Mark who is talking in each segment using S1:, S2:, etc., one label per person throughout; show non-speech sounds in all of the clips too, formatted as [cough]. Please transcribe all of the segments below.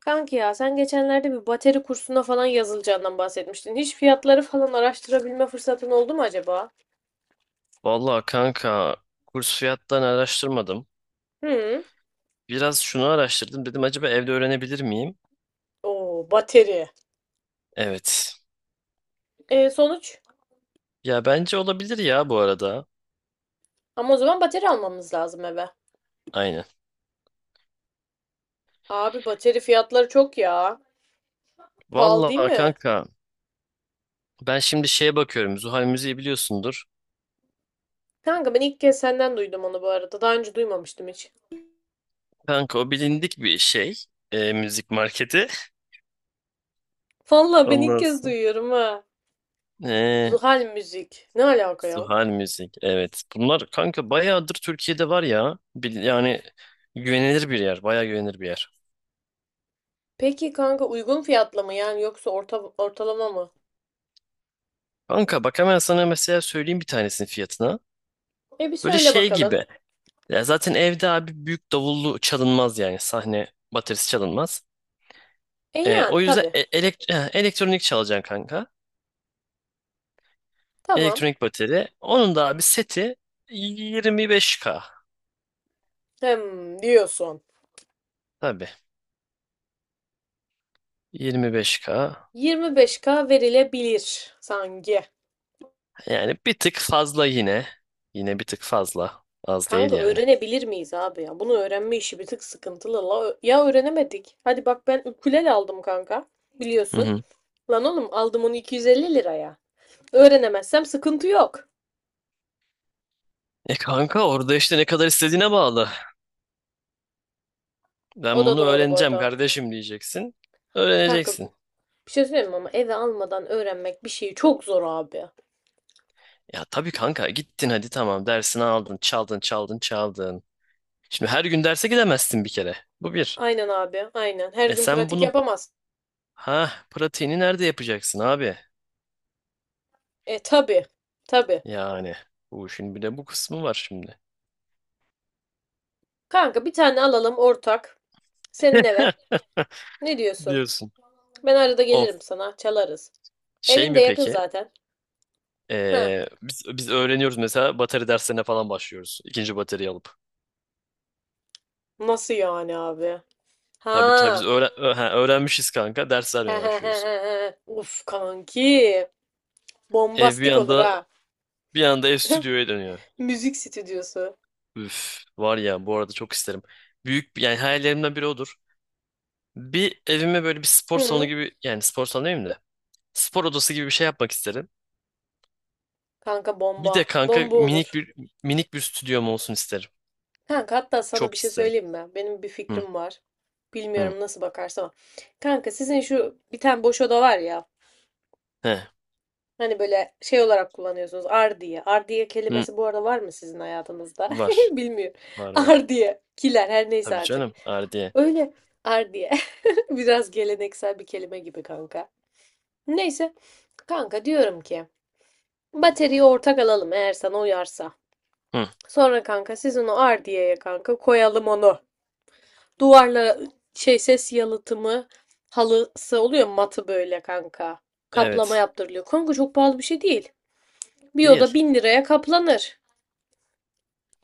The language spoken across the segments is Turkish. S1: Kanki ya sen geçenlerde bir bateri kursuna falan yazılacağından bahsetmiştin. Hiç fiyatları falan araştırabilme fırsatın oldu mu acaba?
S2: Vallahi kanka kurs fiyattan araştırmadım.
S1: Hı.
S2: Biraz şunu araştırdım. Dedim acaba evde öğrenebilir miyim?
S1: Oo, bateri.
S2: Evet.
S1: E, sonuç?
S2: Ya bence olabilir ya bu arada.
S1: Ama o zaman bateri almamız lazım eve.
S2: Aynen.
S1: Abi bateri fiyatları çok ya. Pahalı değil
S2: Vallahi
S1: mi?
S2: kanka ben şimdi şeye bakıyorum. Zuhal Müziği biliyorsundur.
S1: Kanka ben ilk kez senden duydum onu bu arada. Daha önce duymamıştım hiç.
S2: Kanka o bilindik bir şey. Müzik marketi. [laughs]
S1: Vallahi ben ilk
S2: Ondan
S1: kez
S2: sonra.
S1: duyuyorum ha.
S2: E,
S1: Zuhal müzik. Ne alaka ya?
S2: Zuhal Müzik. Evet. Bunlar kanka bayağıdır Türkiye'de var ya. Yani güvenilir bir yer. Bayağı güvenilir bir yer.
S1: Peki kanka uygun fiyatlı mı yani yoksa orta, ortalama mı?
S2: Kanka bak hemen sana mesela söyleyeyim bir tanesinin fiyatına.
S1: E bir
S2: Böyle
S1: söyle
S2: şey
S1: bakalım.
S2: gibi. Ya zaten evde abi büyük davullu çalınmaz yani. Sahne baterisi çalınmaz.
S1: E
S2: O
S1: yani
S2: yüzden
S1: tabii.
S2: elektronik çalacaksın kanka.
S1: Tamam.
S2: Elektronik bateri. Onun da abi seti 25K.
S1: Hem diyorsun.
S2: Tabii. 25K.
S1: 25K verilebilir sanki.
S2: Yani bir tık fazla yine. Yine bir tık fazla. Az değil
S1: Kanka
S2: yani.
S1: öğrenebilir miyiz abi ya? Bunu öğrenme işi bir tık sıkıntılı. La, ya öğrenemedik. Hadi bak ben ukulele aldım kanka.
S2: Hı
S1: Biliyorsun.
S2: hı.
S1: Lan oğlum aldım onu 250 liraya. Öğrenemezsem sıkıntı yok.
S2: E kanka orada işte ne kadar istediğine bağlı.
S1: O
S2: Ben
S1: da
S2: bunu
S1: doğru bu
S2: öğreneceğim
S1: arada.
S2: kardeşim diyeceksin.
S1: Kanka
S2: Öğreneceksin.
S1: bir şey söyleyeyim mi ama eve almadan öğrenmek bir şeyi çok zor abi.
S2: Ya tabii kanka gittin hadi tamam dersini aldın çaldın çaldın çaldın. Şimdi her gün derse gidemezsin bir kere. Bu bir.
S1: Aynen abi, aynen. Her
S2: E
S1: gün
S2: sen
S1: pratik
S2: bunu,
S1: yapamaz.
S2: ha pratiğini nerede yapacaksın abi?
S1: E tabi, tabi.
S2: Yani bu işin bir de bu kısmı var şimdi.
S1: Kanka bir tane alalım ortak. Senin eve.
S2: [laughs]
S1: Ne diyorsun?
S2: Diyorsun.
S1: Ben arada
S2: Of
S1: gelirim sana. Çalarız.
S2: şey
S1: Evin de
S2: mi
S1: yakın
S2: peki?
S1: zaten. Ha.
S2: Biz öğreniyoruz mesela bateri derslerine falan başlıyoruz. İkinci bateriyi alıp.
S1: Nasıl yani abi?
S2: Tabii tabii biz
S1: Ha.
S2: öğrenmişiz kanka ders vermeye başlıyoruz.
S1: [laughs] Uf kanki.
S2: Ev bir
S1: Bombastik olur
S2: anda
S1: ha.
S2: bir anda ev stüdyoya dönüyor.
S1: [laughs] Müzik stüdyosu.
S2: Üf, var ya bu arada çok isterim. Büyük yani hayallerimden biri odur. Bir evime böyle bir spor salonu
S1: Hı.
S2: gibi yani spor salonu demeyeyim de spor odası gibi bir şey yapmak isterim.
S1: Kanka
S2: Bir de
S1: bomba.
S2: kanka
S1: Bomba
S2: minik
S1: olur.
S2: bir minik bir stüdyom olsun isterim.
S1: Kanka hatta sana
S2: Çok
S1: bir şey
S2: isterim.
S1: söyleyeyim mi? Benim bir
S2: Hı
S1: fikrim var.
S2: hı.
S1: Bilmiyorum nasıl bakarsan. Kanka sizin şu bir tane boş oda var ya.
S2: He.
S1: Hani böyle şey olarak kullanıyorsunuz. Ardiye. Ardiye
S2: Hı.
S1: kelimesi bu arada var mı sizin hayatınızda? [laughs]
S2: Var.
S1: Bilmiyorum.
S2: Var var.
S1: Ardiye. Kiler her neyse
S2: Tabii
S1: artık.
S2: canım. Ardiye.
S1: Öyle ardiye. [laughs] Biraz geleneksel bir kelime gibi kanka. Neyse. Kanka diyorum ki bataryayı ortak alalım eğer sana uyarsa.
S2: Hı.
S1: Sonra kanka siz onu ardiyeye kanka koyalım onu. Duvarla şey ses yalıtımı halısı oluyor matı böyle kanka. Kaplama
S2: Evet.
S1: yaptırılıyor. Kanka çok pahalı bir şey değil. Bir oda
S2: Değil.
S1: 1.000 liraya kaplanır.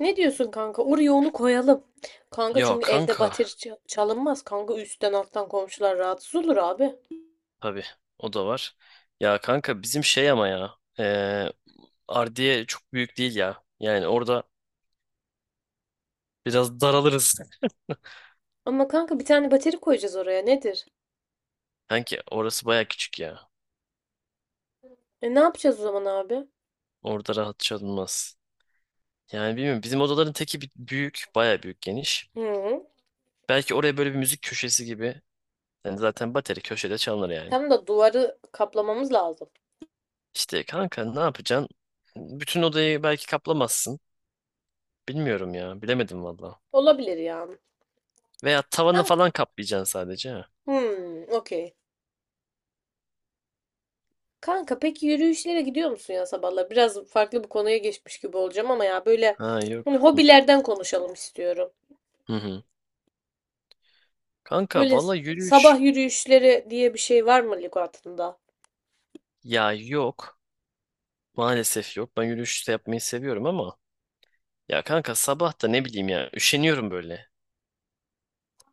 S1: Ne diyorsun kanka? Oraya onu koyalım. Kanka
S2: Ya
S1: çünkü evde
S2: kanka.
S1: bateri çalınmaz. Kanka üstten alttan komşular rahatsız olur abi.
S2: Tabii. O da var. Ya kanka bizim şey ama ya. Ardiye çok büyük değil ya. Yani orada biraz daralırız.
S1: Ama kanka bir tane bateri koyacağız oraya. Nedir?
S2: Kanki orası baya küçük ya.
S1: E ne yapacağız o zaman abi?
S2: Orada rahat çalınmaz. Yani bilmiyorum. Bizim odaların teki büyük. Baya büyük geniş.
S1: Hı. Hı.
S2: Belki oraya böyle bir müzik köşesi gibi. Yani zaten bateri köşede çalınır yani.
S1: Tam da duvarı kaplamamız lazım.
S2: İşte kanka ne yapacaksın? Bütün odayı belki kaplamazsın. Bilmiyorum ya. Bilemedim valla.
S1: Olabilir yani.
S2: Veya tavanı
S1: Kanka,
S2: falan kaplayacaksın sadece. Ha,
S1: hmm, okey. Kanka peki yürüyüşlere gidiyor musun ya sabahlar? Biraz farklı bir konuya geçmiş gibi olacağım ama ya böyle
S2: ha
S1: hani
S2: yok.
S1: hobilerden konuşalım istiyorum.
S2: Hı hı. Kanka
S1: Böyle
S2: valla
S1: sabah
S2: yürüyüş
S1: yürüyüşleri diye bir şey var mı lügatında?
S2: ya yok. Maalesef yok. Ben yürüyüş de yapmayı seviyorum ama ya kanka sabah da ne bileyim ya üşeniyorum böyle.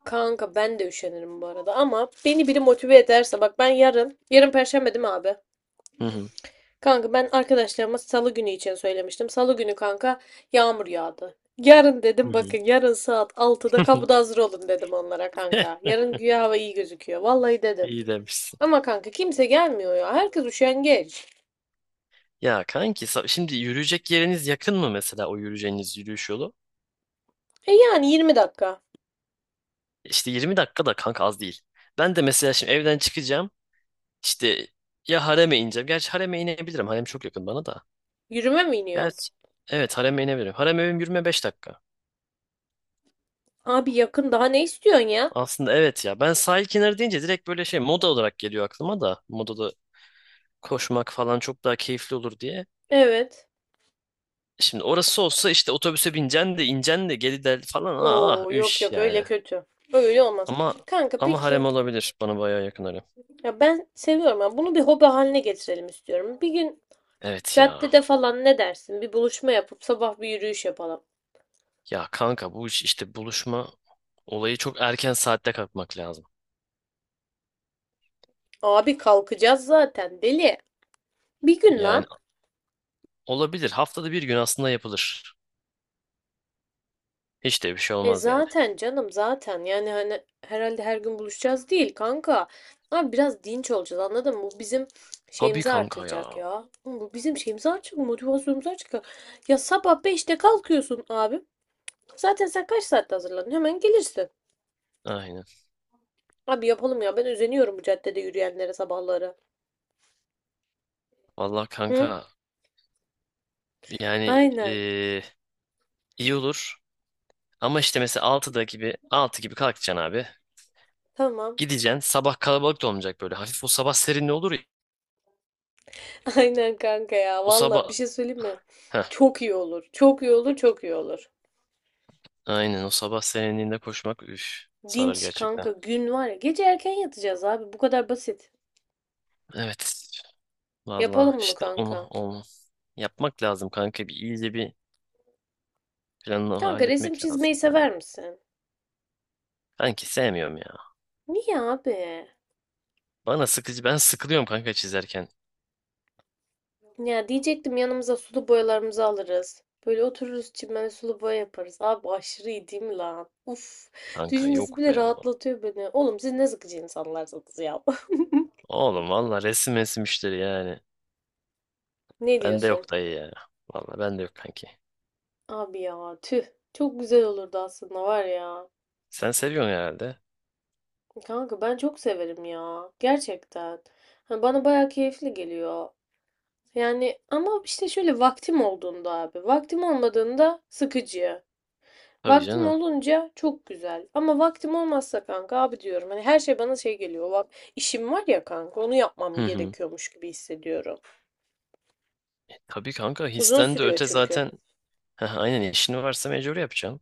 S1: Kanka ben de üşenirim bu arada ama beni biri motive ederse bak ben yarın Perşembe değil mi abi?
S2: Hı hı.
S1: Kanka ben arkadaşlarıma Salı günü için söylemiştim. Salı günü kanka yağmur yağdı. Yarın
S2: Hı
S1: dedim bakın
S2: hı.
S1: yarın saat 6'da kapıda
S2: [laughs]
S1: hazır olun dedim onlara
S2: [laughs]
S1: kanka.
S2: Heh,
S1: Yarın güya hava iyi gözüküyor. Vallahi dedim.
S2: iyi demişsin.
S1: Ama kanka kimse gelmiyor ya. Herkes üşengeç.
S2: Ya kanki şimdi yürüyecek yeriniz yakın mı mesela o yürüyeceğiniz yürüyüş yolu?
S1: E yani 20 dakika.
S2: İşte 20 dakika da kanka az değil. Ben de mesela şimdi evden çıkacağım. İşte ya hareme ineceğim. Gerçi hareme inebilirim. Harem çok yakın bana da.
S1: Yürüme mi iniyorsun?
S2: Gerçi evet hareme inebilirim. Harem evim yürüme 5 dakika.
S1: Abi yakın daha ne istiyorsun ya?
S2: Aslında evet ya. Ben sahil kenarı deyince direkt böyle şey moda olarak geliyor aklıma da. Modada koşmak falan çok daha keyifli olur diye.
S1: Evet.
S2: Şimdi orası olsa işte otobüse bineceksin de ineceksin de geri del falan. Aa,
S1: Oo yok
S2: üş
S1: yok
S2: yani.
S1: öyle kötü. Öyle olmaz.
S2: Ama
S1: Kanka
S2: ama
S1: peki.
S2: harem olabilir. Bana bayağı yakın harem.
S1: Ya ben seviyorum ya. Bunu bir hobi haline getirelim istiyorum. Bir gün
S2: Evet ya.
S1: caddede falan ne dersin? Bir buluşma yapıp sabah bir yürüyüş yapalım.
S2: Ya kanka bu iş işte buluşma olayı çok erken saatte kalkmak lazım.
S1: Abi kalkacağız zaten deli. Bir gün
S2: Yani
S1: lan.
S2: olabilir. Haftada bir gün aslında yapılır. Hiç de bir şey
S1: E
S2: olmaz yani.
S1: zaten canım zaten. Yani hani herhalde her gün buluşacağız değil kanka. Abi biraz dinç olacağız anladın mı? Bu bizim
S2: Tabii
S1: şeyimizi
S2: kanka
S1: artıracak
S2: ya.
S1: ya. Oğlum bu bizim şeyimizi artıracak, motivasyonumuzu artıracak. Ya sabah 5'te kalkıyorsun abi. Zaten sen kaç saatte hazırlanıyorsun? Hemen gelirsin.
S2: Aynen.
S1: Abi yapalım ya. Ben özeniyorum bu caddede yürüyenlere sabahları.
S2: Vallahi
S1: Hı?
S2: kanka yani
S1: Aynen.
S2: iyi olur. Ama işte mesela altı gibi kalkacaksın abi.
S1: Tamam.
S2: Gideceksin. Sabah kalabalık da olmayacak böyle. Hafif o sabah serinliği olur ya.
S1: [laughs] Aynen kanka ya.
S2: O
S1: Valla bir
S2: sabah
S1: şey söyleyeyim mi?
S2: Heh,
S1: Çok iyi olur. Çok iyi olur. Çok iyi olur.
S2: aynen o sabah serinliğinde koşmak üf sarar
S1: Dinç
S2: gerçekten.
S1: kanka gün var ya. Gece erken yatacağız abi. Bu kadar basit.
S2: Evet. Valla
S1: Yapalım bunu
S2: işte onu,
S1: kanka.
S2: onu yapmak lazım kanka. Bir iyice bir planını
S1: Kanka resim
S2: halletmek
S1: çizmeyi
S2: lazım ya.
S1: sever misin?
S2: Kanki sevmiyorum ya.
S1: Niye abi?
S2: Bana sıkıcı. Ben sıkılıyorum kanka çizerken.
S1: Ya diyecektim yanımıza sulu boyalarımızı alırız. Böyle otururuz çimene sulu boya yaparız. Abi aşırı iyi değil mi lan? Uf.
S2: Kanka
S1: Düşüncesi
S2: yok
S1: bile
S2: be oğlum.
S1: rahatlatıyor beni. Oğlum siz ne sıkıcı insanlarsınız ya. [laughs]
S2: Oğlum valla resim resim işleri yani.
S1: Ne
S2: Bende
S1: diyorsun?
S2: yok dayı ya. Valla bende yok kanki.
S1: Abi ya tüh. Çok güzel olurdu aslında var ya.
S2: Sen seviyorsun herhalde.
S1: Kanka ben çok severim ya. Gerçekten. Hani bana bayağı keyifli geliyor. Yani ama işte şöyle vaktim olduğunda abi. Vaktim olmadığında sıkıcı.
S2: Tabii
S1: Vaktim
S2: canım.
S1: olunca çok güzel. Ama vaktim olmazsa kanka abi diyorum. Hani her şey bana şey geliyor. Bak işim var ya kanka onu yapmam
S2: Hı hı.
S1: gerekiyormuş gibi hissediyorum.
S2: Tabii kanka
S1: Uzun
S2: histen de
S1: sürüyor
S2: öte
S1: çünkü.
S2: zaten. Heh, aynen işini varsa mecbur yapacaksın.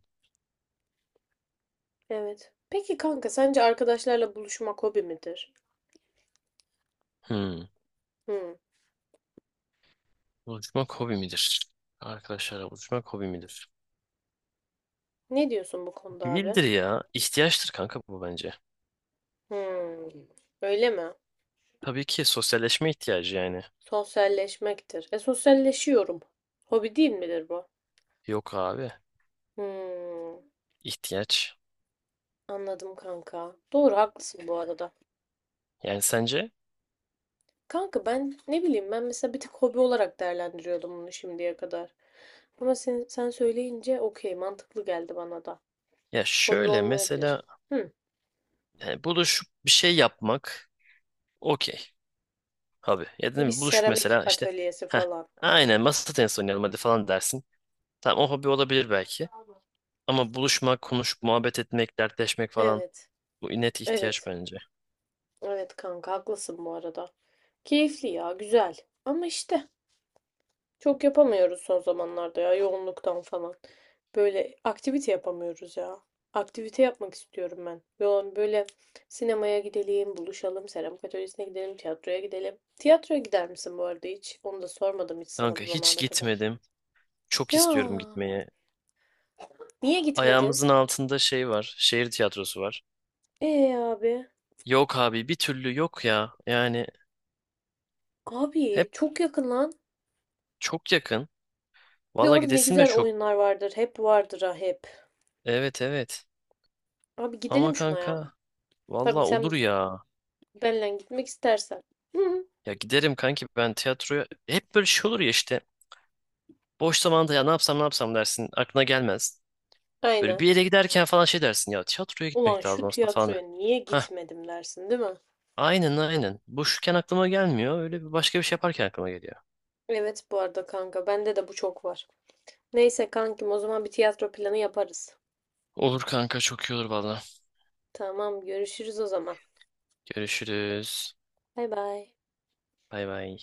S1: Evet. Peki kanka sence arkadaşlarla buluşmak hobi midir?
S2: Hı.
S1: Hmm.
S2: Buluşmak hobi midir? Arkadaşlarla buluşmak hobi midir?
S1: Ne diyorsun bu konuda abi?
S2: Değildir ya. İhtiyaçtır kanka bu bence.
S1: Hmm, öyle mi?
S2: Tabii ki sosyalleşme ihtiyacı yani.
S1: Sosyalleşmektir. E sosyalleşiyorum. Hobi değil midir bu?
S2: Yok abi.
S1: Hmm,
S2: İhtiyaç.
S1: anladım kanka. Doğru haklısın bu arada.
S2: Yani sence?
S1: Kanka ben ne bileyim ben mesela bir tek hobi olarak değerlendiriyordum bunu şimdiye kadar. Ama sen söyleyince okey mantıklı geldi bana da.
S2: Ya
S1: Hobi
S2: şöyle
S1: olmayabilir.
S2: mesela
S1: Hmm,
S2: yani buluşup bir şey yapmak okey abi. Ya
S1: bir
S2: dedim buluşup
S1: seramik
S2: mesela işte
S1: atölyesi
S2: ha
S1: falan.
S2: aynen masa tenisi oynayalım hadi falan dersin. Tamam o hobi olabilir belki. Ama buluşmak, konuşup muhabbet etmek, dertleşmek falan
S1: Evet.
S2: bu net ihtiyaç
S1: Evet.
S2: bence.
S1: Evet kanka haklısın bu arada. Keyifli ya güzel. Ama işte. Çok yapamıyoruz son zamanlarda ya yoğunluktan falan. Böyle aktivite yapamıyoruz ya. Aktivite yapmak istiyorum ben. Yoğun böyle sinemaya gidelim, buluşalım, seramik atölyesine gidelim, tiyatroya gidelim. Tiyatroya gider misin bu arada hiç? Onu da sormadım hiç sana
S2: Kanka
S1: bu
S2: hiç
S1: zamana kadar.
S2: gitmedim. Çok
S1: Ya
S2: istiyorum gitmeye.
S1: niye gitmedin?
S2: Ayağımızın altında şey var. Şehir tiyatrosu var.
S1: Abi.
S2: Yok abi bir türlü yok ya. Yani
S1: Abi
S2: hep
S1: çok yakın lan.
S2: çok yakın.
S1: Bir de
S2: Valla
S1: orada ne
S2: gidesin de
S1: güzel
S2: çok.
S1: oyunlar vardır. Hep vardır ha hep.
S2: Evet evet.
S1: Abi
S2: Ama
S1: gidelim şuna ya.
S2: kanka valla
S1: Tabii
S2: olur
S1: sen
S2: ya.
S1: benle gitmek istersen. Hı,
S2: Ya giderim kanki ben tiyatroya. Hep böyle şey olur ya işte. Boş zamanda ya ne yapsam ne yapsam dersin. Aklına gelmez. Böyle
S1: aynen.
S2: bir yere giderken falan şey dersin. Ya tiyatroya
S1: Ulan
S2: gitmek lazım
S1: şu
S2: aslında falan.
S1: tiyatroya niye
S2: Heh
S1: gitmedim dersin, değil mi?
S2: aynen aynen. Boşken aklıma gelmiyor. Öyle bir başka bir şey yaparken aklıma geliyor.
S1: Evet bu arada kanka bende de bu çok var. Neyse kankim o zaman bir tiyatro planı yaparız.
S2: Olur kanka çok iyi olur valla.
S1: Tamam görüşürüz o zaman.
S2: Görüşürüz.
S1: Bay bay.
S2: Bay bay.